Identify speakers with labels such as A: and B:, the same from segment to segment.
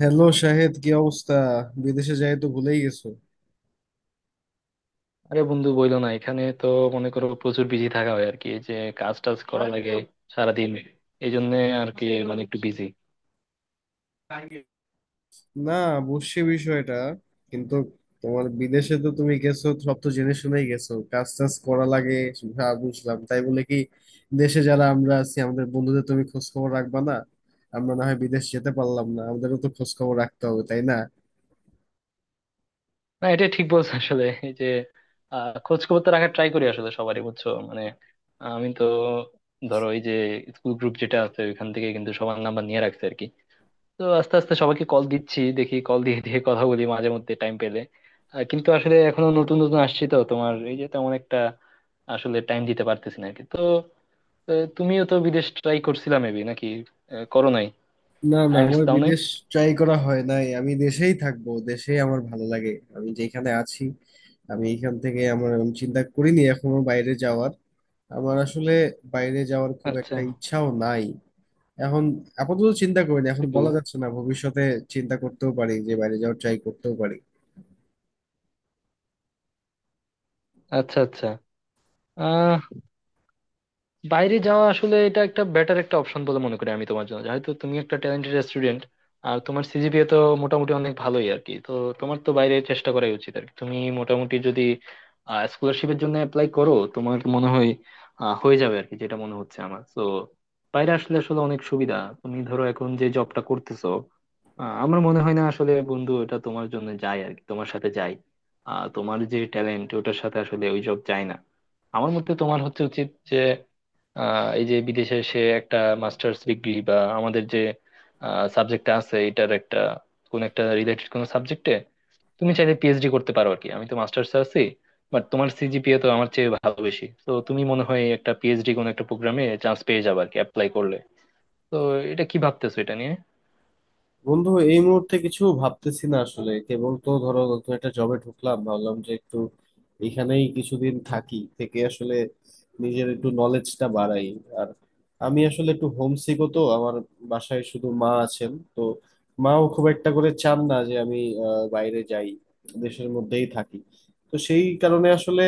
A: Hello Shahed, কি অবস্থা? বিদেশে যাই তো ভুলেই গেছো।
B: আরে বন্ধু বইলো না, এখানে তো মনে করো প্রচুর বিজি থাকা হয় আর কি। এই যে কাজ টাজ করা লাগে সারাদিন। এই জন্য আর কি, মানে একটু বিজি।
A: না, বুঝছি বিষয়টা, কিন্তু তোমার বিদেশে তো তুমি গেছো, সব তো জেনে শুনেই গেছো, কাজ টাজ করা লাগে। হ্যাঁ, বুঝলাম, তাই বলে কি দেশে যারা আমরা আছি আমাদের বন্ধুদের তুমি খোঁজ খবর রাখবা না? আমরা না হয় বিদেশ যেতে পারলাম না, আমাদেরও তো খোঁজ খবর রাখতে হবে, তাই না?
B: না, এটা ঠিক বলছো। আসলে এই যে খোঁজ খবর তো রাখার ট্রাই করি আসলে সবারই, বুঝছো মানে। আমি তো ধরো এই যে স্কুল গ্রুপ যেটা আছে ওইখান থেকে কিন্তু সবার নাম্বার নিয়ে রাখছে আর কি। তো আস্তে আস্তে সবাইকে কল দিচ্ছি, দেখি কল দিয়ে দিয়ে কথা বলি মাঝে মধ্যে টাইম পেলে। কিন্তু আসলে এখনো নতুন নতুন আসছি তো তোমার, এই যে তেমন একটা আসলে টাইম দিতে পারতেছি না আর কি। তো তো তুমিও তো বিদেশ ট্রাই করছিলা মেবি, নাকি? করো নাই?
A: না না,
B: আইএলটিএস
A: আমার
B: দাও নাই?
A: বিদেশ ট্রাই করা হয় নাই, আমি দেশেই থাকবো, দেশেই আমার ভালো লাগে। আমি যেখানে আছি, আমি এখান থেকে আমি চিন্তা করিনি এখনো বাইরে যাওয়ার। আমার আসলে বাইরে যাওয়ার খুব
B: আচ্ছা।
A: একটা ইচ্ছাও নাই এখন। আপাতত চিন্তা করিনি,
B: কি
A: এখন
B: বলো?
A: বলা যাচ্ছে না, ভবিষ্যতে চিন্তা করতেও পারি যে বাইরে যাওয়ার ট্রাই করতেও পারি।
B: আচ্ছা, আচ্ছা। বাইরে যাওয়া আসলে এটা একটা বেটার একটা অপশন বলে মনে করি আমি তোমার জন্য, যেহেতু তুমি একটা ট্যালেন্টেড স্টুডেন্ট। আর তোমার সিজিপিএ তো মোটামুটি অনেক ভালোই আর কি। তো তোমার তো বাইরে চেষ্টা করাই উচিত আর কি। তুমি মোটামুটি যদি স্কলারশিপের জন্য অ্যাপ্লাই করো, তোমার মনে হয় হয়ে যাবে আর কি, যেটা মনে হচ্ছে আমার তো। বাইরে আসলে আসলে অনেক সুবিধা। তুমি ধরো এখন যে জবটা করতেছো, আমার মনে হয় না আসলে বন্ধু, এটা তোমার জন্য যায় আর কি, তোমার সাথে যায়। তোমার যে ট্যালেন্ট ওটার সাথে আসলে ওই জব যায় না। আমার মতে তোমার হচ্ছে উচিত যে এই যে বিদেশে সে একটা মাস্টার্স ডিগ্রি বা আমাদের যে সাবজেক্ট আছে এটার একটা কোন একটা রিলেটেড কোন সাবজেক্টে তুমি চাইলে পিএইচডি করতে পারো আর কি। আমি তো মাস্টার্স আছি, বাট তোমার সিজিপিএ তো আমার চেয়ে ভালো, বেশি। তো তুমি মনে হয় একটা পিএইচডি কোন একটা প্রোগ্রামে চান্স পেয়ে যাবে আর কি অ্যাপ্লাই করলে। তো এটা কি ভাবতেছো এটা নিয়ে?
A: বন্ধু, এই মুহূর্তে কিছু ভাবতেছি না আসলে, কেবল তো ধরো নতুন একটা জবে ঢুকলাম, ভাবলাম যে একটু এখানেই কিছুদিন থাকি, থেকে আসলে নিজের একটু নলেজটা বাড়াই। আর আমি আসলে একটু হোমসিকও, তো আমার বাসায় শুধু মা আছেন, তো মাও খুব একটা করে চান না যে আমি বাইরে যাই, দেশের মধ্যেই থাকি। তো সেই কারণে আসলে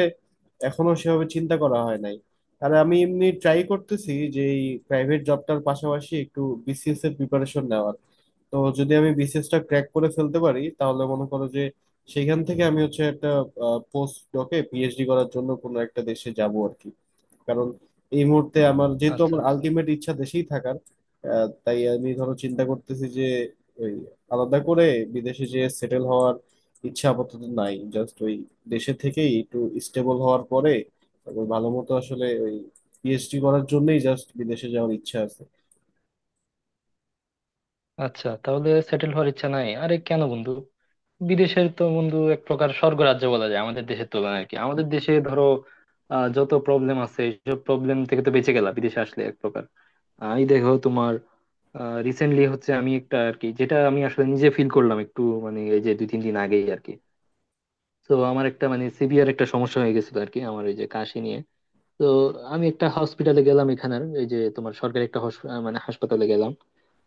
A: এখনো সেভাবে চিন্তা করা হয় নাই। আর আমি এমনি ট্রাই করতেছি যে এই প্রাইভেট জবটার পাশাপাশি একটু বিসিএস এর প্রিপারেশন নেওয়ার। তো যদি আমি বিসিএসটা ক্র্যাক করে ফেলতে পারি, তাহলে মনে করো যে সেখান থেকে আমি হচ্ছে একটা পোস্ট ডকে পিএইচডি করার জন্য কোনো একটা দেশে যাব আর কি। কারণ এই মুহূর্তে আমার যেহেতু
B: আচ্ছা,
A: আমার
B: আচ্ছা।
A: আলটিমেট ইচ্ছা দেশেই থাকার। তাই আমি ধরো চিন্তা করতেছি যে ওই আলাদা করে বিদেশে যে সেটেল হওয়ার ইচ্ছা আপাতত নাই, জাস্ট ওই দেশে থেকেই একটু স্টেবল হওয়ার পরে তারপর ভালো মতো আসলে ওই পিএইচডি করার জন্যই জাস্ট বিদেশে যাওয়ার ইচ্ছা আছে।
B: আচ্ছা, তাহলে সেটেল হওয়ার ইচ্ছা নাই? আরে কেন বন্ধু! বিদেশের তো বন্ধু এক প্রকার স্বর্গরাজ্য বলা যায় আমাদের দেশের তুলনায় আর কি। আমাদের দেশে ধরো যত প্রবলেম আছে এইসব প্রবলেম থেকে তো বেঁচে গেলা বিদেশে আসলে এক প্রকার। এই দেখো তোমার রিসেন্টলি হচ্ছে আমি একটা আর কি, যেটা আমি আসলে নিজে ফিল করলাম একটু, মানে এই যে 2-3 দিন আগেই আর কি। তো আমার একটা মানে সিভিয়ার একটা সমস্যা হয়ে গেছিল আর কি, আমার ওই যে কাশি নিয়ে। তো আমি একটা হসপিটালে গেলাম এখানের, এই যে তোমার সরকারি একটা মানে হাসপাতালে গেলাম।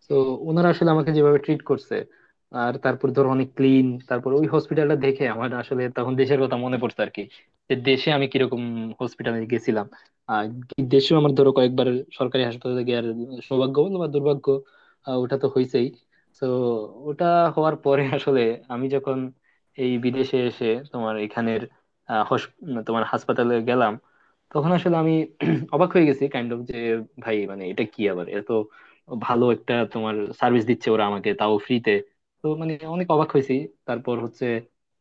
B: তো ওনারা আসলে আমাকে যেভাবে ট্রিট করছে আর তারপর ধর অনেক ক্লিন, তারপর ওই হসপিটালটা দেখে আমার আসলে তখন দেশের কথা মনে পড়ছে আর কি, যে দেশে আমি কিরকম হসপিটালে গেছিলাম। আর দেশেও আমার ধরো কয়েকবার সরকারি হাসপাতালে গিয়ে সৌভাগ্য বল বা দুর্ভাগ্য, ওটা তো হয়েছেই। তো ওটা হওয়ার পরে আসলে আমি যখন এই বিদেশে এসে তোমার এখানের আহ, হস- তোমার হাসপাতালে গেলাম, তখন আসলে আমি অবাক হয়ে গেছি কাইন্ড অফ, যে ভাই মানে এটা কি আবার এত ভালো একটা তোমার সার্ভিস দিচ্ছে ওরা আমাকে, তাও ফ্রিতে! তো মানে অনেক অবাক হয়েছি। তারপর হচ্ছে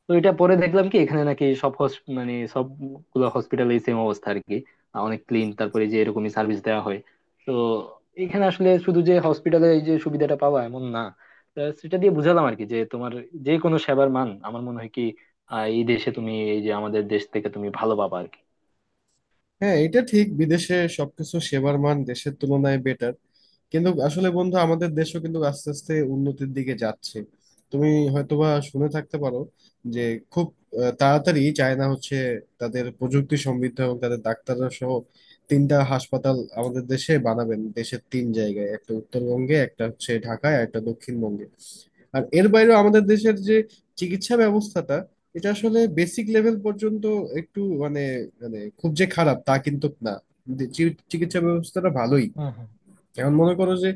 B: তো এটা পরে দেখলাম কি, এখানে নাকি সব মানে সবগুলো হসপিটালে সেম অবস্থা আর কি, অনেক ক্লিন তারপরে, যে এরকমই সার্ভিস দেওয়া হয়। তো এখানে আসলে শুধু যে হসপিটালে এই যে সুবিধাটা পাওয়া এমন না। তা সেটা দিয়ে বুঝালাম আর কি যে, তোমার যে কোনো সেবার মান আমার মনে হয় কি এই দেশে তুমি এই যে আমাদের দেশ থেকে তুমি ভালো পাবা আর কি।
A: হ্যাঁ, এটা ঠিক, বিদেশে সবকিছু সেবার মান দেশের তুলনায় বেটার, কিন্তু আসলে বন্ধু, আমাদের দেশও কিন্তু আস্তে আস্তে উন্নতির দিকে যাচ্ছে। তুমি হয়তোবা শুনে থাকতে পারো যে খুব তাড়াতাড়ি চায়না হচ্ছে তাদের প্রযুক্তি সমৃদ্ধ এবং তাদের ডাক্তাররা সহ 3টা হাসপাতাল আমাদের দেশে বানাবেন, দেশের তিন জায়গায়, একটা উত্তরবঙ্গে, একটা হচ্ছে ঢাকায়, আর একটা দক্ষিণবঙ্গে। আর এর বাইরেও আমাদের দেশের যে চিকিৎসা ব্যবস্থাটা, এটা আসলে বেসিক লেভেল পর্যন্ত একটু মানে, মানে খুব যে খারাপ তা কিন্তু না, যে চিকিৎসা ব্যবস্থাটা ভালোই।
B: হুম হুম।
A: এখন মনে করো যে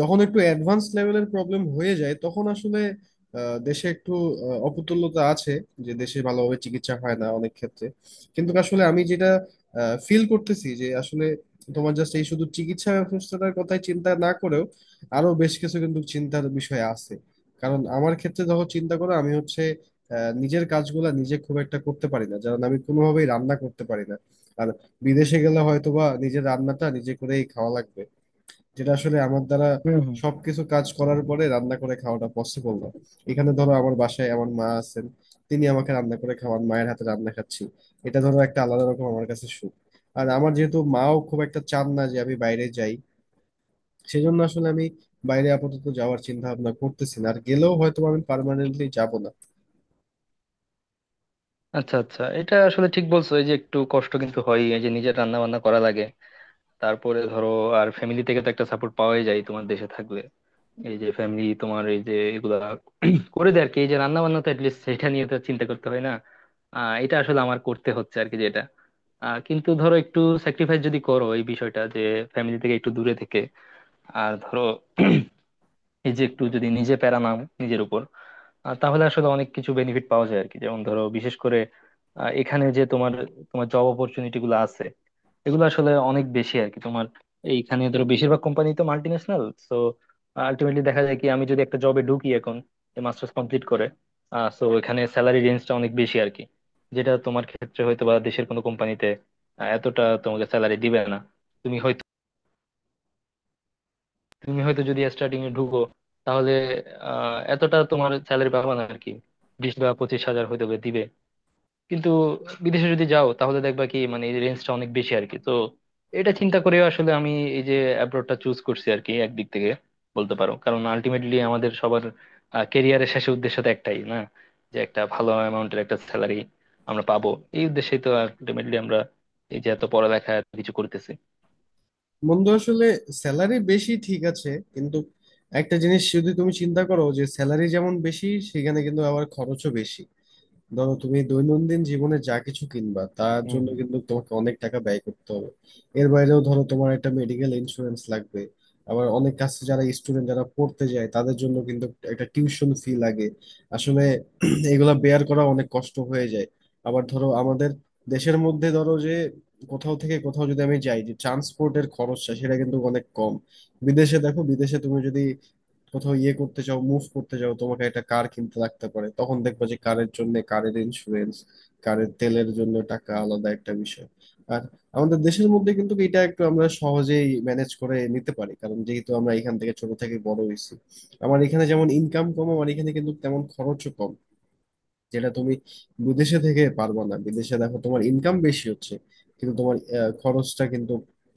A: যখন একটু অ্যাডভান্স লেভেলের প্রবলেম হয়ে যায় তখন আসলে দেশে একটু অপতুল্যতা আছে, যে দেশে ভালোভাবে চিকিৎসা হয় না অনেক ক্ষেত্রে। কিন্তু আসলে আমি যেটা ফিল করতেছি যে আসলে তোমার জাস্ট এই শুধু চিকিৎসা ব্যবস্থাটার কথাই চিন্তা না করেও আরো বেশ কিছু কিন্তু চিন্তার বিষয় আছে। কারণ আমার ক্ষেত্রে যখন চিন্তা করো, আমি হচ্ছে নিজের কাজগুলা নিজে খুব একটা করতে পারি না, কারণ আমি কোনোভাবেই রান্না করতে পারি না। আর বিদেশে গেলে হয়তোবা নিজের রান্নাটা নিজে করেই খাওয়া লাগবে, যেটা আসলে আমার দ্বারা
B: হুম হুম।
A: সবকিছু কাজ করার পরে রান্না করে খাওয়াটা পসিবল না। এখানে ধরো আমার বাসায় আমার মা আছেন, তিনি আমাকে রান্না করে খাওয়ান, মায়ের হাতে রান্না খাচ্ছি, এটা ধরো একটা আলাদা রকম আমার কাছে সুখ। আর আমার যেহেতু মাও খুব একটা চান না যে আমি বাইরে যাই, সেজন্য আসলে আমি বাইরে আপাতত যাওয়ার চিন্তা ভাবনা করতেছি না, আর গেলেও হয়তো আমি পার্মানেন্টলি যাব না।
B: আচ্ছা, আচ্ছা। এটা আসলে ঠিক বলছো এই যে একটু কষ্ট কিন্তু হয় এই যে নিজের রান্না বান্না করা লাগে। তারপরে ধরো আর ফ্যামিলি থেকে তো একটা সাপোর্ট পাওয়াই যায় তোমার দেশে থাকলে। এই যে ফ্যামিলি তোমার, এই যে এগুলা করে দেয় আর কি, এই যে রান্না বান্না, তো অ্যাটলিস্ট সেটা নিয়ে তো চিন্তা করতে হয় না। এটা আসলে আমার করতে হচ্ছে আর কি, যেটা কিন্তু ধরো একটু স্যাক্রিফাইস যদি করো এই বিষয়টা, যে ফ্যামিলি থেকে একটু দূরে থেকে আর ধরো এই যে একটু যদি নিজে প্যারা নাম নিজের উপর, তাহলে আসলে অনেক কিছু বেনিফিট পাওয়া যায় আর কি। যেমন ধরো বিশেষ করে এখানে যে তোমার, তোমার জব অপরচুনিটি গুলো আছে এগুলো আসলে অনেক বেশি আর কি তোমার। এইখানে ধরো বেশিরভাগ কোম্পানি তো মাল্টি ন্যাশনাল। তো আলটিমেটলি দেখা যায় কি, আমি যদি একটা জবে ঢুকি এখন মাস্টার্স কমপ্লিট করে, তো এখানে স্যালারি রেঞ্জটা অনেক বেশি আর কি। যেটা তোমার ক্ষেত্রে হয়তো বা দেশের কোনো কোম্পানিতে এতটা তোমাকে স্যালারি দিবে না। তুমি হয়তো তুমি হয়তো যদি স্টার্টিং এ ঢুকো তাহলে এতটা তোমার স্যালারি পাবা না আর কি। 20 বা 25 হাজার হয়তো বা দিবে। কিন্তু বিদেশে যদি যাও তাহলে দেখবা কি, মানে এই রেঞ্জটা অনেক বেশি আর কি। তো এটা চিন্তা করে আসলে আমি এই যে অ্যাব্রোডটা চুজ করছি আর কি, একদিক থেকে বলতে পারো। কারণ আলটিমেটলি আমাদের সবার ক্যারিয়ারের শেষে উদ্দেশ্য তো একটাই না, যে একটা ভালো অ্যামাউন্টের একটা স্যালারি আমরা পাবো। এই উদ্দেশ্যেই তো আলটিমেটলি আমরা এই যে এত পড়ালেখা এত কিছু করতেছি।
A: বন্ধু আসলে স্যালারি বেশি ঠিক আছে, কিন্তু একটা জিনিস যদি তুমি চিন্তা করো, যে স্যালারি যেমন বেশি, সেখানে কিন্তু আবার খরচও বেশি। ধরো তুমি দৈনন্দিন জীবনে যা কিছু কিনবা তার জন্য কিন্তু তোমাকে অনেক টাকা ব্যয় করতে হবে। এর বাইরেও ধরো তোমার একটা মেডিকেল ইন্স্যুরেন্স লাগবে। আবার অনেক কাছে যারা স্টুডেন্ট, যারা পড়তে যায়, তাদের জন্য কিন্তু একটা টিউশন ফি লাগে। আসলে এগুলা বেয়ার করা অনেক কষ্ট হয়ে যায়। আবার ধরো আমাদের দেশের মধ্যে ধরো যে কোথাও থেকে কোথাও যদি আমি যাই, যে ট্রান্সপোর্টের খরচটা সেটা কিন্তু অনেক কম। বিদেশে দেখো, বিদেশে তুমি যদি কোথাও ইয়ে করতে চাও, মুভ করতে চাও, তোমাকে একটা কার কিনতে লাগতে পারে, তখন দেখবা যে কারের জন্য কারের ইন্স্যুরেন্স, কারের তেলের জন্য টাকা আলাদা একটা বিষয়। আর আমাদের দেশের মধ্যে কিন্তু এটা একটু আমরা সহজেই ম্যানেজ করে নিতে পারি, কারণ যেহেতু আমরা এখান থেকে ছোট থেকে বড় হয়েছি। আমার এখানে যেমন ইনকাম কম, আমার এখানে কিন্তু তেমন খরচও কম, যেটা তুমি বিদেশে থেকে পারবা না। বিদেশে দেখো তোমার ইনকাম বেশি হচ্ছে, কিন্তু তোমার খরচটা কিন্তু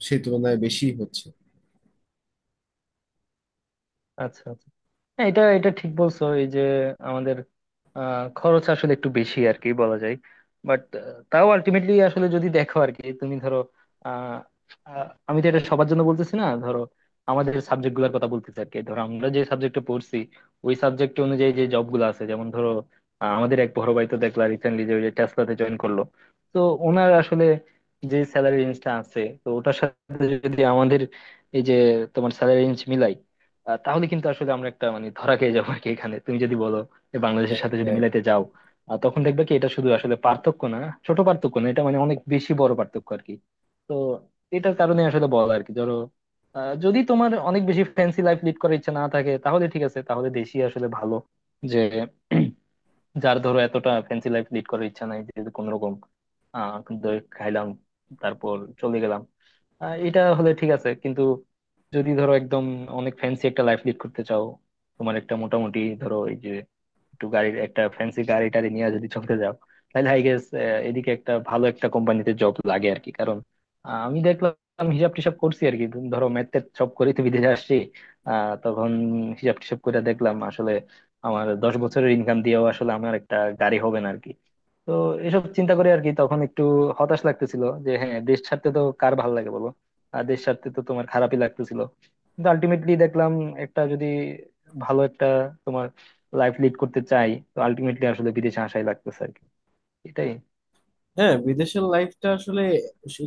A: সেই তুলনায় বেশি
B: আচ্ছা, আচ্ছা। হ্যাঁ, এটা এটা ঠিক বলছো এই যে আমাদের খরচ আসলে একটু বেশি আর কি, বলা যায়। বাট তাও আলটিমেটলি আসলে যদি দেখো আর কি, তুমি ধরো আহ, আহ, আমি তো এটা সবার জন্য বলতেছি না, ধরো আমাদের সাবজেক্ট গুলার কথা বলতেছি আর কি। ধরো আমরা যে সাবজেক্টে পড়ছি ওই সাবজেক্ট অনুযায়ী যে জব গুলো আছে, যেমন ধরো আমাদের এক বড় ভাই তো দেখলা রিসেন্টলি যে ওই যে টেসলাতে জয়েন করলো। তো ওনার আসলে যে স্যালারি রেঞ্জটা আছে, তো ওটার সাথে যদি আমাদের এই যে তোমার স্যালারি রেঞ্জ মিলাই তাহলে কিন্তু আসলে আমরা একটা মানে ধরা খেয়ে যাবো আর কি। এখানে তুমি যদি বলো যে বাংলাদেশের সাথে
A: হচ্ছে।
B: যদি মিলাইতে যাও, তখন দেখবে কি এটা শুধু আসলে পার্থক্য না, ছোট পার্থক্য না, এটা মানে অনেক বেশি বড় পার্থক্য আর কি। তো এটার কারণে আসলে বল আর কি, ধরো যদি তোমার অনেক বেশি ফ্যান্সি লাইফ লিড করার ইচ্ছা না থাকে তাহলে ঠিক আছে, তাহলে দেশি আসলে ভালো। যে যার ধরো এতটা ফ্যান্সি লাইফ লিড করার ইচ্ছা নাই, যে কোন রকম আহ দই খাইলাম তারপর চলে গেলাম, এটা হলে ঠিক আছে। কিন্তু যদি ধরো একদম অনেক ফ্যান্সি একটা লাইফ লিড করতে চাও, তোমার একটা মোটামুটি ধরো এই যে একটু গাড়ির, একটা ফ্যান্সি গাড়ি টাড়ি নিয়ে যদি চলতে যাও, তাহলে আই গেস এদিকে একটা ভালো একটা কোম্পানিতে জব লাগে আর কি। কারণ আমি দেখলাম, হিসাব টিসাব করছি আর কি। ধরো ম্যাথের সব করেই তো বিদেশে আসছি। তখন হিসাব টিসাব করে দেখলাম আসলে আমার 10 বছরের ইনকাম দিয়েও আসলে আমার একটা গাড়ি হবে না আর কি। তো এসব চিন্তা করে আর কি, তখন একটু হতাশ লাগতেছিল যে হ্যাঁ, দেশ ছাড়তে তো কার ভালো লাগে বলো? আর দেশ ছাড়তে তো তোমার খারাপই লাগতেছিল। কিন্তু আলটিমেটলি দেখলাম একটা যদি ভালো একটা তোমার লাইফ লিড করতে চাই, তো আলটিমেটলি আসলে বিদেশে আসাই লাগতেছে আর কি। এটাই।
A: হ্যাঁ, বিদেশের লাইফটা আসলে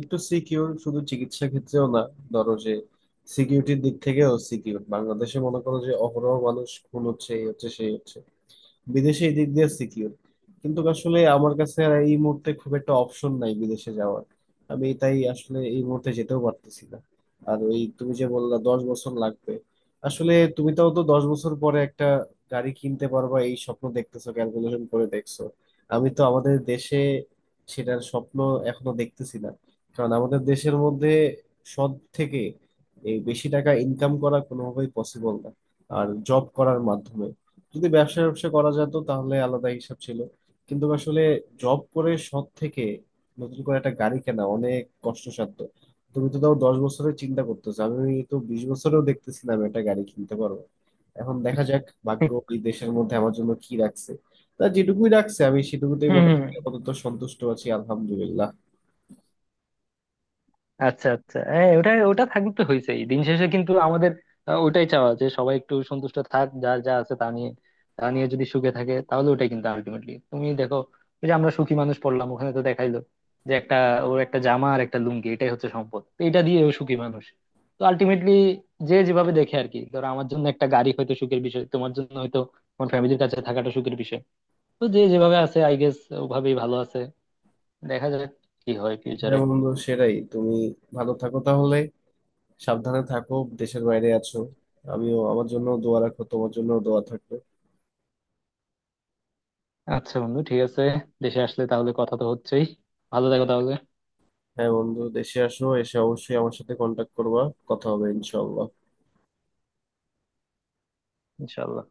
A: একটু সিকিউর, শুধু চিকিৎসা ক্ষেত্রেও না, ধরো যে সিকিউরিটির দিক থেকেও সিকিউর। বাংলাদেশে মনে করো যে অহরহ মানুষ খুন হচ্ছে, এই হচ্ছে, সেই হচ্ছে, বিদেশে এই দিক দিয়ে সিকিউর। কিন্তু আসলে আমার কাছে আর এই মুহূর্তে খুব একটা অপশন নাই বিদেশে যাওয়ার, আমি তাই আসলে এই মুহূর্তে যেতেও পারতেছি না। আর ওই তুমি যে বললা 10 বছর লাগবে, আসলে তুমি তাও তো 10 বছর পরে একটা গাড়ি কিনতে পারবা, এই স্বপ্ন দেখতেছো, ক্যালকুলেশন করে দেখছো। আমি তো আমাদের দেশে সেটার স্বপ্ন এখনো দেখতেছি না, কারণ আমাদের দেশের মধ্যে সৎ থেকে এই বেশি টাকা ইনকাম করা কোনোভাবেই পসিবল না, আর জব করার মাধ্যমে। যদি ব্যবসা ব্যবসা করা যেত তাহলে আলাদা হিসাব ছিল, কিন্তু আসলে জব করে সৎ থেকে নতুন করে একটা গাড়ি কেনা অনেক কষ্টসাধ্য। তুমি তো তাও 10 বছরের চিন্তা করতেছো, আমি তো 20 বছরেও দেখতেছিলাম একটা গাড়ি কিনতে পারবো। এখন দেখা যাক ভাগ্য এই দেশের মধ্যে আমার জন্য কি রাখছে, তা যেটুকুই রাখছে আমি সেটুকুতেই
B: হুম হুম।
A: মোটামুটি আপাতত সন্তুষ্ট আছি, আলহামদুলিল্লাহ।
B: আচ্ছা, আচ্ছা। হ্যাঁ, ওটা ওটা থাকলে তো হয়েছেই। দিন শেষে কিন্তু আমাদের ওটাই চাওয়া, যে সবাই একটু সন্তুষ্ট থাক যার যা আছে তা নিয়ে। তা নিয়ে যদি সুখে থাকে তাহলে ওটাই কিন্তু আলটিমেটলি। তুমি দেখো ওই যে আমরা সুখী মানুষ পড়লাম, ওখানে তো দেখাইলো যে একটা, ওর একটা জামা আর একটা লুঙ্গি এটাই হচ্ছে সম্পদ, তো এটা দিয়ে ও সুখী মানুষ। তো আলটিমেটলি যে যেভাবে দেখে আর কি। ধরো আমার জন্য একটা গাড়ি হয়তো সুখের বিষয়, তোমার জন্য হয়তো তোমার ফ্যামিলির কাছে থাকাটা সুখের বিষয়। তো যে যেভাবে আছে আই গেস ওভাবেই ভালো আছে। দেখা যাক কি হয় ফিউচারে।
A: হ্যাঁ বন্ধু, সেটাই। তুমি ভালো থাকো তাহলে, সাবধানে থাকো, দেশের বাইরে আছো। আমিও, আমার জন্য দোয়া রাখো, তোমার জন্য দোয়া থাকবে।
B: আচ্ছা বন্ধু ঠিক আছে, দেশে আসলে তাহলে কথা তো হচ্ছেই। ভালো থাকো তাহলে।
A: হ্যাঁ বন্ধু, দেশে আসো, এসে অবশ্যই আমার সাথে কন্টাক্ট করবা, কথা হবে ইনশাল্লাহ।
B: ইনশাল্লাহ।